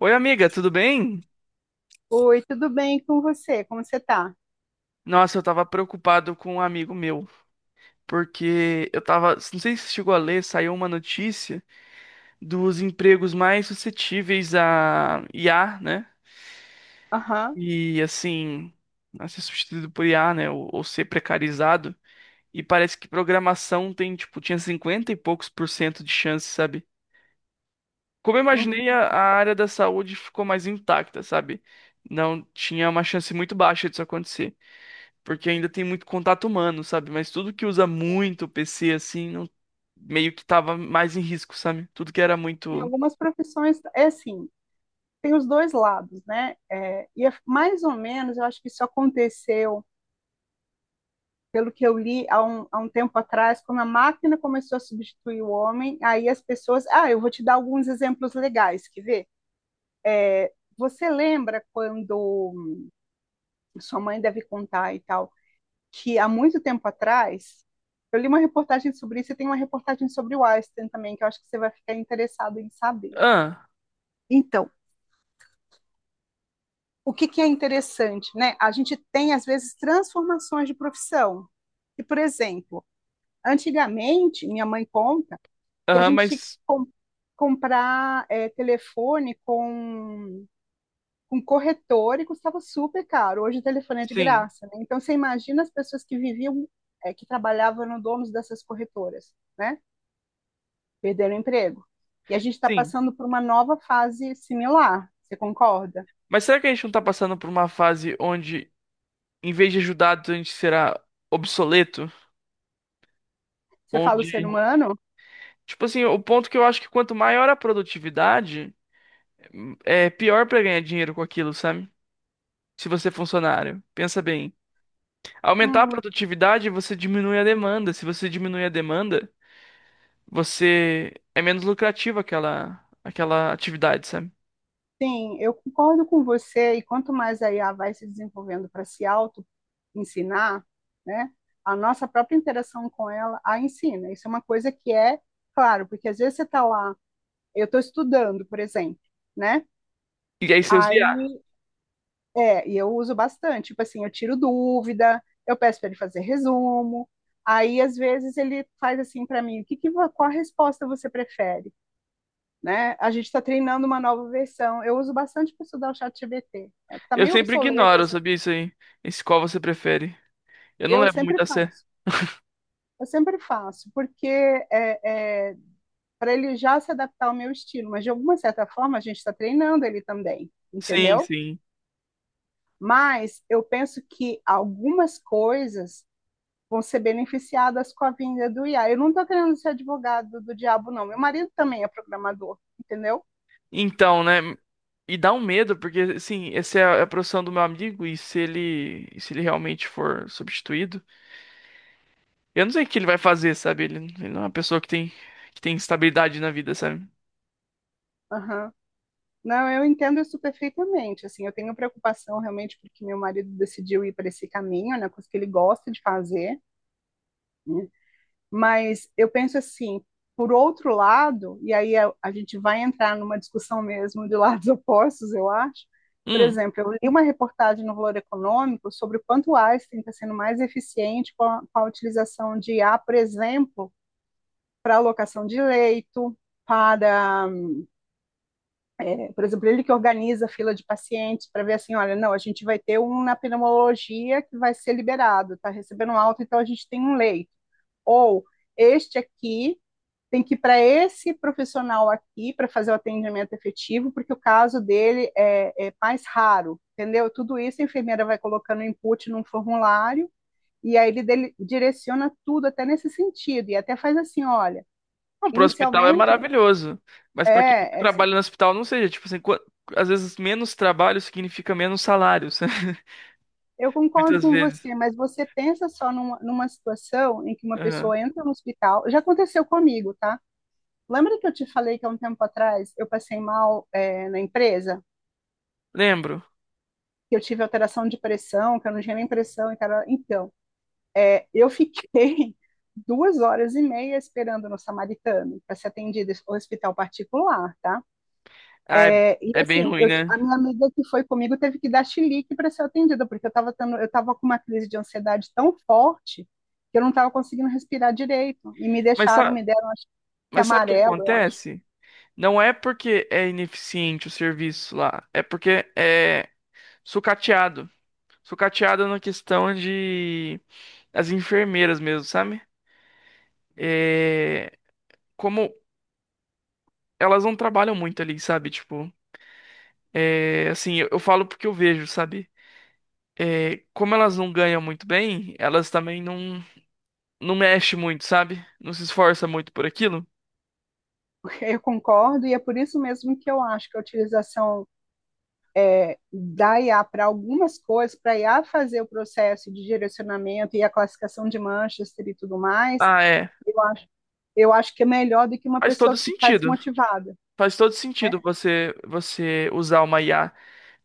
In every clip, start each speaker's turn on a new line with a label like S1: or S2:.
S1: Oi, amiga, tudo bem?
S2: Oi, tudo bem com você? Como você tá?
S1: Nossa, eu tava preocupado com um amigo meu, porque eu tava, não sei se você chegou a ler, saiu uma notícia dos empregos mais suscetíveis a IA, né?
S2: Aham.
S1: E assim, a ser substituído por IA, né? Ou ser precarizado. E parece que programação tem, tipo, tinha 50 e poucos% de chance, sabe? Como eu
S2: Uhum.
S1: imaginei, a área da saúde ficou mais intacta, sabe? Não tinha uma chance muito baixa disso acontecer. Porque ainda tem muito contato humano, sabe? Mas tudo que usa muito o PC assim, meio que tava mais em risco, sabe? Tudo que era
S2: Em
S1: muito.
S2: algumas profissões é assim, tem os dois lados, né? É, e é mais ou menos, eu acho que isso aconteceu, pelo que eu li há um tempo atrás, quando a máquina começou a substituir o homem, aí as pessoas. Ah, eu vou te dar alguns exemplos legais, que ver. Você lembra quando sua mãe deve contar e tal? Que há muito tempo atrás, eu li uma reportagem sobre isso e tem uma reportagem sobre o Einstein também, que eu acho que você vai ficar interessado em saber.
S1: Ah,
S2: Então, o que que é interessante, né? A gente tem, às vezes, transformações de profissão. E, por exemplo, antigamente, minha mãe conta que a
S1: aham,
S2: gente tinha que
S1: mas
S2: comprar telefone com corretor e custava super caro. Hoje o telefone é de
S1: sim,
S2: graça, né? Então, você imagina as pessoas que viviam, que trabalhavam no donos dessas corretoras, né? Perderam o emprego. E a gente está
S1: sim.
S2: passando por uma nova fase similar, você concorda?
S1: Mas será que a gente não tá passando por uma fase onde, em vez de ajudado, a gente será obsoleto?
S2: Você fala o
S1: Onde,
S2: ser humano?
S1: tipo assim, o ponto que eu acho que quanto maior a produtividade, é pior pra ganhar dinheiro com aquilo, sabe? Se você é funcionário, pensa bem. Aumentar a
S2: Hum,
S1: produtividade, você diminui a demanda. Se você diminui a demanda, você é menos lucrativa aquela atividade, sabe?
S2: sim, eu concordo com você, e quanto mais a IA vai se desenvolvendo para se auto-ensinar, né, a nossa própria interação com ela a ensina. Isso é uma coisa que é, claro, porque às vezes você está lá, eu estou estudando, por exemplo, né?
S1: E aí você usa IA.
S2: Aí É, e eu uso bastante. Tipo assim, eu tiro dúvida, eu peço para ele fazer resumo. Aí, às vezes, ele faz assim para mim: o que que, qual a resposta você prefere? Né? A gente está treinando uma nova versão. Eu uso bastante para estudar o chat GPT. Está
S1: Eu
S2: meio
S1: sempre
S2: obsoleto,
S1: ignoro,
S2: assim.
S1: sabia isso aí? Esse qual você prefere. Eu não
S2: Eu
S1: levo
S2: sempre
S1: muito a sério.
S2: faço. Eu sempre faço, porque para ele já se adaptar ao meu estilo. Mas, de alguma certa forma, a gente está treinando ele também,
S1: Sim,
S2: entendeu?
S1: sim.
S2: Mas eu penso que algumas coisas vão ser beneficiadas com a vinda do IA. Eu não estou querendo ser advogado do diabo, não. Meu marido também é programador, entendeu?
S1: Então, né? E dá um medo, porque, assim, essa é a profissão do meu amigo, e se ele realmente for substituído, eu não sei o que ele vai fazer, sabe? Ele não é uma pessoa que tem estabilidade na vida, sabe?
S2: Aham. Não, eu entendo isso perfeitamente. Assim, eu tenho preocupação realmente porque meu marido decidiu ir para esse caminho, né, coisa que ele gosta de fazer. Mas eu penso assim, por outro lado, e aí a gente vai entrar numa discussão mesmo de lados opostos, eu acho. Por
S1: Hum.
S2: exemplo, eu li uma reportagem no Valor Econômico sobre o quanto o Einstein está sendo mais eficiente com a utilização de I A, por exemplo, para alocação de leito, para, por exemplo, ele que organiza a fila de pacientes para ver assim, olha, não, a gente vai ter um na pneumologia que vai ser liberado, está recebendo alta, então a gente tem um leito. Ou este aqui tem que ir para esse profissional aqui para fazer o atendimento efetivo, porque o caso dele é, mais raro, entendeu? Tudo isso a enfermeira vai colocando input num formulário e aí ele dele, direciona tudo até nesse sentido e até faz assim, olha,
S1: Não, pro hospital é
S2: inicialmente
S1: maravilhoso. Mas pra quem
S2: é assim,
S1: trabalha no hospital, não seja, tipo assim, às vezes menos trabalho significa menos salário, sabe?
S2: eu concordo
S1: Muitas
S2: com
S1: vezes.
S2: você, mas você pensa só numa situação em que uma
S1: Aham.
S2: pessoa entra no hospital, já aconteceu comigo, tá? Lembra que eu te falei que há um tempo atrás eu passei mal na empresa?
S1: Lembro.
S2: Que eu tive alteração de pressão, que eu não tinha nem pressão, e cara, então, eu fiquei duas horas e meia esperando no Samaritano para ser atendida no hospital particular, tá?
S1: Ah, é,
S2: É, e
S1: é bem
S2: assim,
S1: ruim,
S2: eu,
S1: né?
S2: a minha amiga que foi comigo teve que dar chilique para ser atendida, porque eu tava com uma crise de ansiedade tão forte que eu não estava conseguindo respirar direito. E
S1: Mas sabe,
S2: me deram, acho que
S1: mas sabe o que
S2: amarelo, eu acho.
S1: acontece? Não é porque é ineficiente o serviço lá, é porque é sucateado. Sucateado na questão de as enfermeiras mesmo, sabe? É, como elas não trabalham muito ali, sabe? Tipo. É, assim, eu falo porque eu vejo, sabe? É, como elas não ganham muito bem, elas também não, não mexem muito, sabe? Não se esforça muito por aquilo.
S2: Eu concordo, e é por isso mesmo que eu acho que a utilização da IA para algumas coisas, para a IA fazer o processo de direcionamento e a classificação de manchas e tudo mais,
S1: Ah, é.
S2: eu acho, eu acho que é melhor do que uma
S1: Faz
S2: pessoa
S1: todo
S2: que está
S1: sentido.
S2: desmotivada.
S1: Faz todo
S2: Né?
S1: sentido você usar uma IA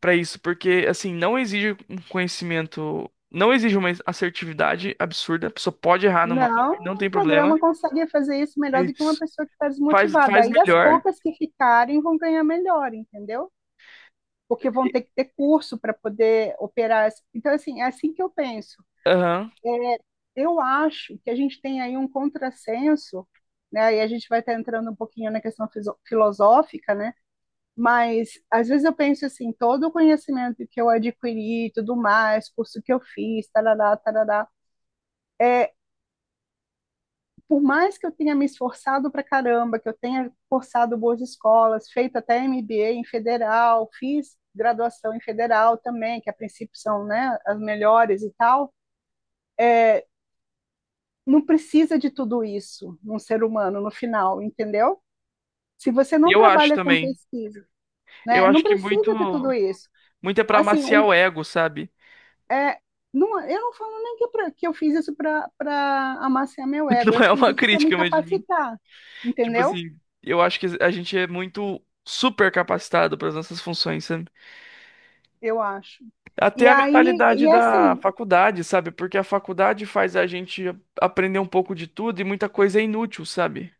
S1: pra isso, porque assim, não exige um conhecimento, não exige uma assertividade absurda. A pessoa pode errar no
S2: Não,
S1: Manchester, não
S2: o
S1: tem
S2: programa
S1: problema.
S2: consegue fazer isso
S1: É
S2: melhor do que uma
S1: isso.
S2: pessoa que está
S1: Faz
S2: desmotivada. Aí as
S1: melhor.
S2: poucas que ficarem vão ganhar melhor, entendeu? Porque vão ter que ter curso para poder operar. Então, assim, é assim que eu penso.
S1: Aham.
S2: é, eu acho que a gente tem aí um contrassenso, né? E a gente vai estar entrando um pouquinho na questão filosófica, né? Mas às vezes eu penso assim, todo o conhecimento que eu adquiri, e tudo mais, curso que eu fiz, tarará, tarará, é, por mais que eu tenha me esforçado pra caramba, que eu tenha cursado boas escolas, feito até MBA em federal, fiz graduação em federal também, que a princípio são, né, as melhores e tal, não precisa de tudo isso num ser humano no final, entendeu? Se você não
S1: Eu acho
S2: trabalha com
S1: também.
S2: pesquisa,
S1: Eu
S2: né? Não
S1: acho que muito
S2: precisa de tudo isso.
S1: muito é pra
S2: Assim,
S1: amaciar o ego, sabe?
S2: é, não, eu não falo nem que, que eu fiz isso para amaciar meu ego, eu
S1: Não é
S2: fiz
S1: uma
S2: isso para me
S1: crítica, mas tipo
S2: capacitar,
S1: tipo
S2: entendeu?
S1: assim, eu acho que a gente é muito super capacitado para as nossas funções, sabe?
S2: Eu acho. E
S1: Até a
S2: aí,
S1: mentalidade
S2: e
S1: da
S2: assim,
S1: faculdade, sabe? Porque a faculdade faz a gente aprender um pouco de tudo e muita coisa é inútil, sabe?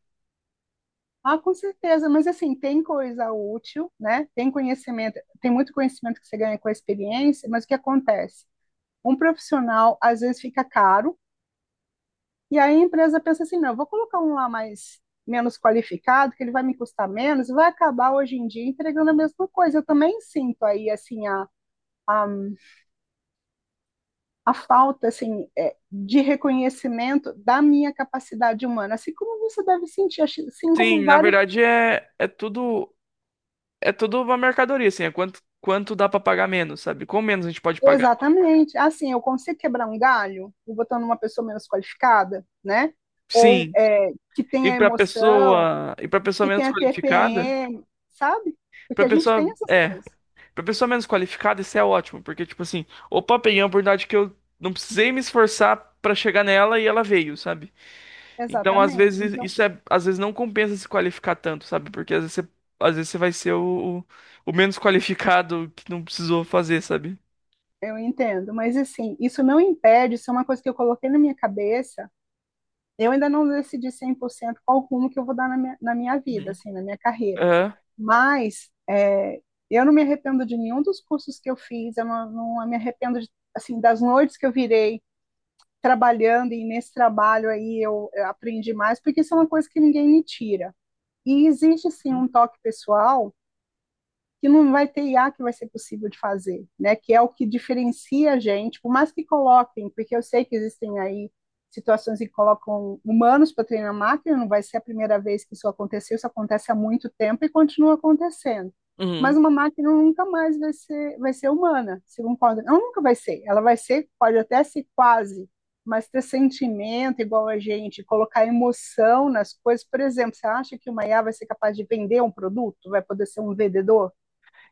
S2: ah, com certeza, mas assim, tem coisa útil, né? Tem conhecimento, tem muito conhecimento que você ganha com a experiência, mas o que acontece? Um profissional às vezes fica caro. E aí a empresa pensa assim, não, eu vou colocar um lá mais menos qualificado, que ele vai me custar menos, e vai acabar hoje em dia entregando a mesma coisa. Eu também sinto aí assim a, a falta assim de reconhecimento da minha capacidade humana, assim como você deve sentir, assim como
S1: Sim, na
S2: vários.
S1: verdade é tudo uma mercadoria, assim, é quanto dá para pagar menos, sabe? Com menos a gente pode pagar.
S2: Exatamente, assim eu consigo quebrar um galho botando uma pessoa menos qualificada, né? Ou
S1: Sim.
S2: que
S1: E
S2: tenha
S1: para
S2: emoção,
S1: pessoa, e para pessoa
S2: que
S1: menos
S2: tenha
S1: qualificada,
S2: TPM, sabe? Porque
S1: para
S2: a gente tem
S1: pessoa,
S2: essas
S1: é
S2: coisas.
S1: pra pessoa menos qualificada, isso é ótimo, porque, tipo assim, opa, peguei uma oportunidade que eu não precisei me esforçar pra chegar nela e ela veio, sabe? Então, às
S2: Exatamente.
S1: vezes,
S2: Então,
S1: isso é, às vezes não compensa se qualificar tanto, sabe? Porque às vezes você vai ser o menos qualificado que não precisou fazer, sabe?
S2: eu entendo, mas assim, isso não impede, isso é uma coisa que eu coloquei na minha cabeça. Eu ainda não decidi 100% qual rumo que eu vou dar na minha vida,
S1: Uhum.
S2: assim, na minha carreira.
S1: É.
S2: Mas eu não me arrependo de nenhum dos cursos que eu fiz, eu não me arrependo de, assim, das noites que eu virei trabalhando, e nesse trabalho aí eu aprendi mais, porque isso é uma coisa que ninguém me tira. E existe, sim,
S1: Uhum.
S2: um toque pessoal que não vai ter IA que vai ser possível de fazer, né? Que é o que diferencia a gente, por mais que coloquem, porque eu sei que existem aí situações em que colocam humanos para treinar máquina, não vai ser a primeira vez que isso aconteceu, isso acontece há muito tempo e continua acontecendo. Mas
S1: Uhum.
S2: uma máquina nunca mais vai ser humana, segundo pode, ela nunca vai ser, ela vai ser, pode até ser quase, mas ter sentimento igual a gente, colocar emoção nas coisas, por exemplo, você acha que uma IA vai ser capaz de vender um produto, vai poder ser um vendedor?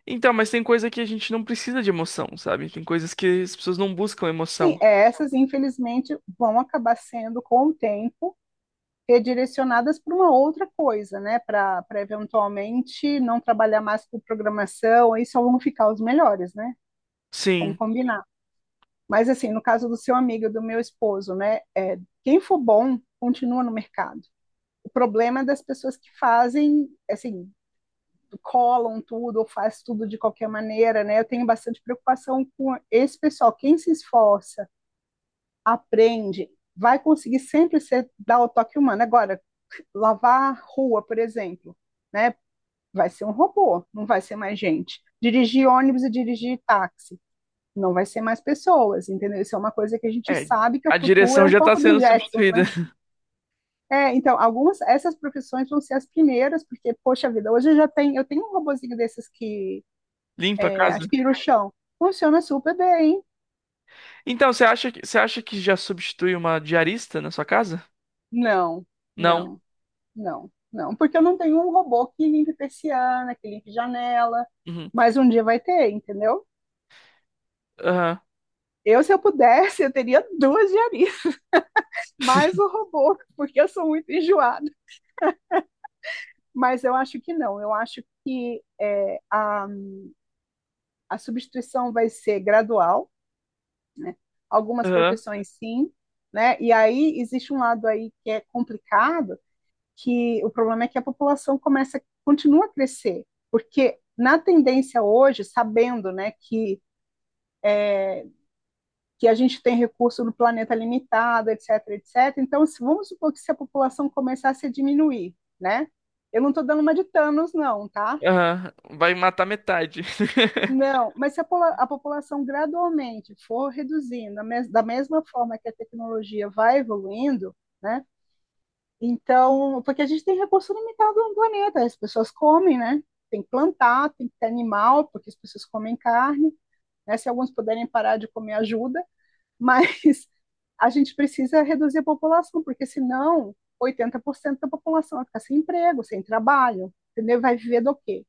S1: Então, mas tem coisa que a gente não precisa de emoção, sabe? Tem coisas que as pessoas não buscam
S2: Sim,
S1: emoção.
S2: essas, infelizmente, vão acabar sendo, com o tempo, redirecionadas para uma outra coisa, né? Para eventualmente não trabalhar mais com programação, aí só vão ficar os melhores, né? Vamos
S1: Sim,
S2: combinar. Mas, assim, no caso do seu amigo, e do meu esposo, né? Quem for bom, continua no mercado. O problema é das pessoas que fazem, assim, colam tudo ou faz tudo de qualquer maneira, né? Eu tenho bastante preocupação com esse pessoal. Quem se esforça aprende, vai conseguir sempre ser, dar o toque humano. Agora, lavar rua, por exemplo, né? Vai ser um robô, não vai ser mais gente. Dirigir ônibus e dirigir táxi, não vai ser mais pessoas, entendeu? Isso é uma coisa que a gente
S1: é.
S2: sabe que o
S1: A
S2: futuro é
S1: direção
S2: um
S1: já tá
S2: pouco dos
S1: sendo
S2: Jetsons,
S1: substituída.
S2: né? É, então, algumas, essas profissões vão ser as primeiras, porque, poxa vida, hoje eu já tenho, eu tenho um robozinho desses que
S1: Limpa a casa.
S2: aspira o chão. Funciona super bem. Hein?
S1: Então, você acha que já substitui uma diarista na sua casa?
S2: Não,
S1: Não.
S2: não. Não, não, porque eu não tenho um robô que limpe persiana, que limpe janela,
S1: Uhum.
S2: mas um dia vai ter, entendeu?
S1: Aham.
S2: Se eu pudesse, eu teria duas diaristas, mais o robô, porque eu sou muito enjoada. Mas eu acho que não, eu acho que a substituição vai ser gradual, né? Algumas
S1: Aham.
S2: profissões sim, né? E aí existe um lado aí que é complicado, que o problema é que a população continua a crescer, porque na tendência hoje, sabendo, né, que a gente tem recurso no planeta limitado, etc, etc. Então, se, vamos supor que se a população começasse a diminuir, né? Eu não estou dando uma de Thanos, não, tá?
S1: Aham. Vai matar metade.
S2: Não, mas se a população gradualmente for reduzindo, mes da mesma forma que a tecnologia vai evoluindo, né? Então, porque a gente tem recurso limitado no planeta, as pessoas comem, né? Tem que plantar, tem que ter animal, porque as pessoas comem carne, né? Se alguns puderem parar de comer, ajuda, mas a gente precisa reduzir a população, porque senão 80% da população vai ficar sem emprego, sem trabalho, entendeu? Vai viver do quê?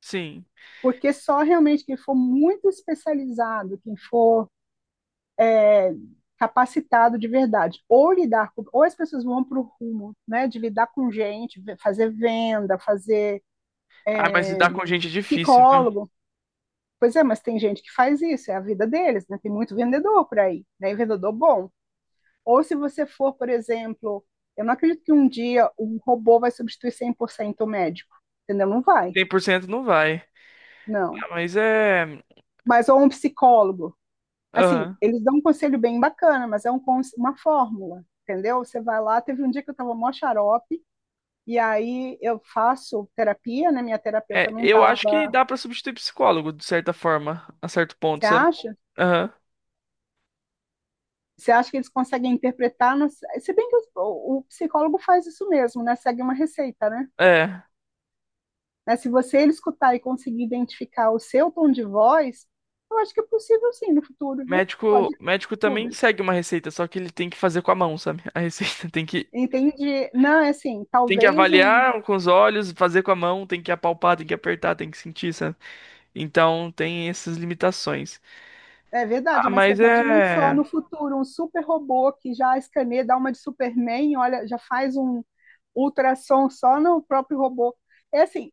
S1: Sim.
S2: Porque só realmente quem for muito especializado, quem for é, capacitado de verdade, ou lidar com, ou as pessoas vão para o rumo, né, de lidar com gente, fazer venda, fazer
S1: Ah, mas lidar com gente é difícil, viu?
S2: psicólogo. Pois é, mas tem gente que faz isso, é a vida deles, né? Tem muito vendedor por aí, né? E vendedor bom. Ou se você for, por exemplo, eu não acredito que um dia um robô vai substituir 100% o médico, entendeu? Não vai,
S1: 100% não vai.
S2: não.
S1: Ah, mas é.
S2: Mas ou um psicólogo. Assim,
S1: Aham.
S2: eles dão um conselho bem bacana, mas é um, uma fórmula, entendeu? Você vai lá, teve um dia que eu estava mó xarope, e aí eu faço terapia, né? Minha terapeuta
S1: É,
S2: não
S1: eu acho que
S2: estava.
S1: dá pra substituir psicólogo, de certa forma, a certo ponto,
S2: Você
S1: sabe?
S2: acha?
S1: Aham.
S2: Você acha que eles conseguem interpretar? Não sei. Se bem que o psicólogo faz isso mesmo, né? Segue uma receita, né?
S1: É.
S2: Né? Se você ele escutar e conseguir identificar o seu tom de voz, eu acho que é possível sim no futuro, viu? Pode
S1: Médico também
S2: tudo.
S1: segue uma receita, só que ele tem que fazer com a mão, sabe? A receita tem que
S2: Entende? Não, é assim,
S1: tem que
S2: talvez um.
S1: avaliar com os olhos, fazer com a mão, tem que apalpar, tem que apertar, tem que sentir, sabe? Então tem essas limitações.
S2: É verdade,
S1: Ah,
S2: mas você
S1: mas
S2: imagina só
S1: é.
S2: no futuro um super robô que já escaneia, dá uma de Superman, olha, já faz um ultrassom só no próprio robô. É assim,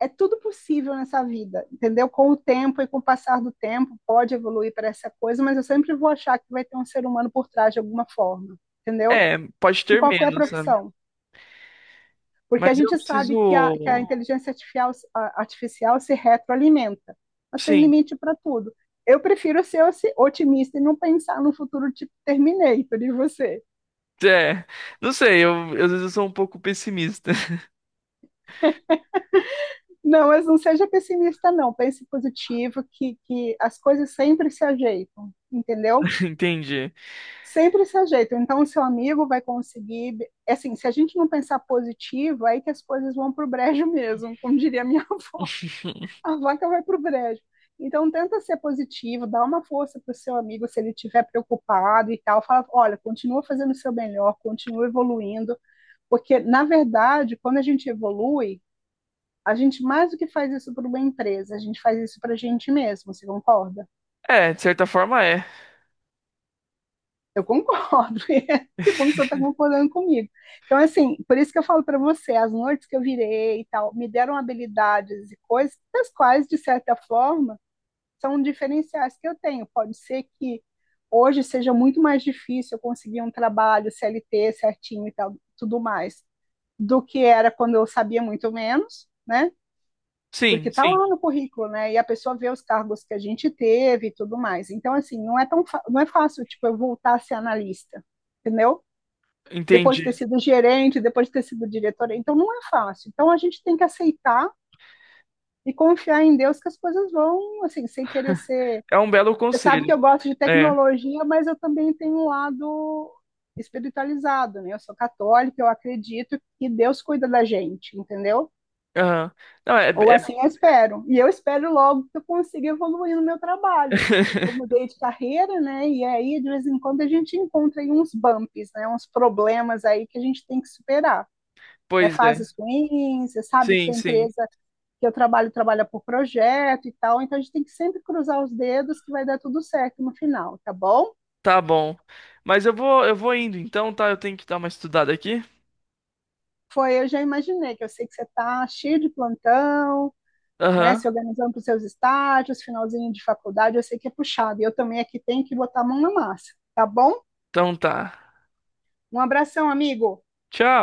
S2: é tudo possível nessa vida, entendeu? Com o tempo e com o passar do tempo, pode evoluir para essa coisa, mas eu sempre vou achar que vai ter um ser humano por trás de alguma forma, entendeu?
S1: É, pode
S2: De
S1: ter
S2: qualquer
S1: menos, sabe?
S2: profissão, porque
S1: Mas
S2: a
S1: eu
S2: gente sabe que que a
S1: preciso.
S2: inteligência artificial, artificial se retroalimenta, mas tem
S1: Sim.
S2: limite para tudo. Eu prefiro ser otimista e não pensar no futuro tipo Terminator e você.
S1: É. Não sei, eu, às vezes eu sou um pouco pessimista.
S2: Não, mas não seja pessimista, não. Pense positivo, que as coisas sempre se ajeitam, entendeu?
S1: Entendi.
S2: Sempre se ajeitam. Então, o seu amigo vai conseguir. Assim, se a gente não pensar positivo, é aí que as coisas vão para o brejo mesmo, como diria minha a vaca vai para o brejo. Então, tenta ser positivo, dá uma força para o seu amigo se ele estiver preocupado e tal. Fala, olha, continua fazendo o seu melhor, continua evoluindo, porque, na verdade, quando a gente evolui, a gente mais do que faz isso para uma empresa, a gente faz isso para a gente mesmo, você concorda?
S1: É, de certa forma é.
S2: Eu concordo. Que bom que você está concordando comigo. Então, assim, por isso que eu falo para você, as noites que eu virei e tal, me deram habilidades e coisas das quais, de certa forma, são diferenciais que eu tenho. Pode ser que hoje seja muito mais difícil eu conseguir um trabalho CLT certinho e tal, tudo mais, do que era quando eu sabia muito menos, né? Porque
S1: Sim,
S2: tá
S1: sim.
S2: lá no currículo, né? E a pessoa vê os cargos que a gente teve e tudo mais. Então, assim, não é fácil, tipo, eu voltar a ser analista, entendeu? Depois
S1: Entendi.
S2: de ter sido gerente, depois de ter sido diretora. Então, não é fácil. Então, a gente tem que aceitar e confiar em Deus que as coisas vão, assim, sem querer ser.
S1: É um belo
S2: Você sabe
S1: conselho.
S2: que eu gosto de
S1: É.
S2: tecnologia, mas eu também tenho um lado espiritualizado, né? Eu sou católica, eu acredito que Deus cuida da gente, entendeu?
S1: Aham. Não, é.
S2: Ou
S1: É-
S2: assim eu espero. E eu espero logo que eu consiga evoluir no meu trabalho, porque eu mudei de carreira, né? E aí, de vez em quando, a gente encontra aí uns bumps, né? Uns problemas aí que a gente tem que superar. Né?
S1: Pois é.
S2: Fases ruins, você sabe que
S1: Sim,
S2: a
S1: sim.
S2: empresa que eu trabalho trabalha por projeto e tal, então a gente tem que sempre cruzar os dedos que vai dar tudo certo no final, tá bom?
S1: Tá bom. Mas eu vou indo então, tá? Eu tenho que dar uma estudada aqui.
S2: Foi, eu já imaginei, que eu sei que você está cheio de plantão, né,
S1: Aham.
S2: se organizando para os seus estágios, finalzinho de faculdade, eu sei que é puxado. E eu também aqui tenho que botar a mão na massa, tá bom?
S1: Então tá.
S2: Um abração, amigo.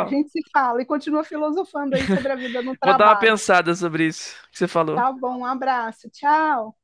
S2: A gente se fala e continua filosofando aí sobre a vida no
S1: Vou dar uma
S2: trabalho.
S1: pensada sobre isso que você falou.
S2: Tá bom, um abraço. Tchau.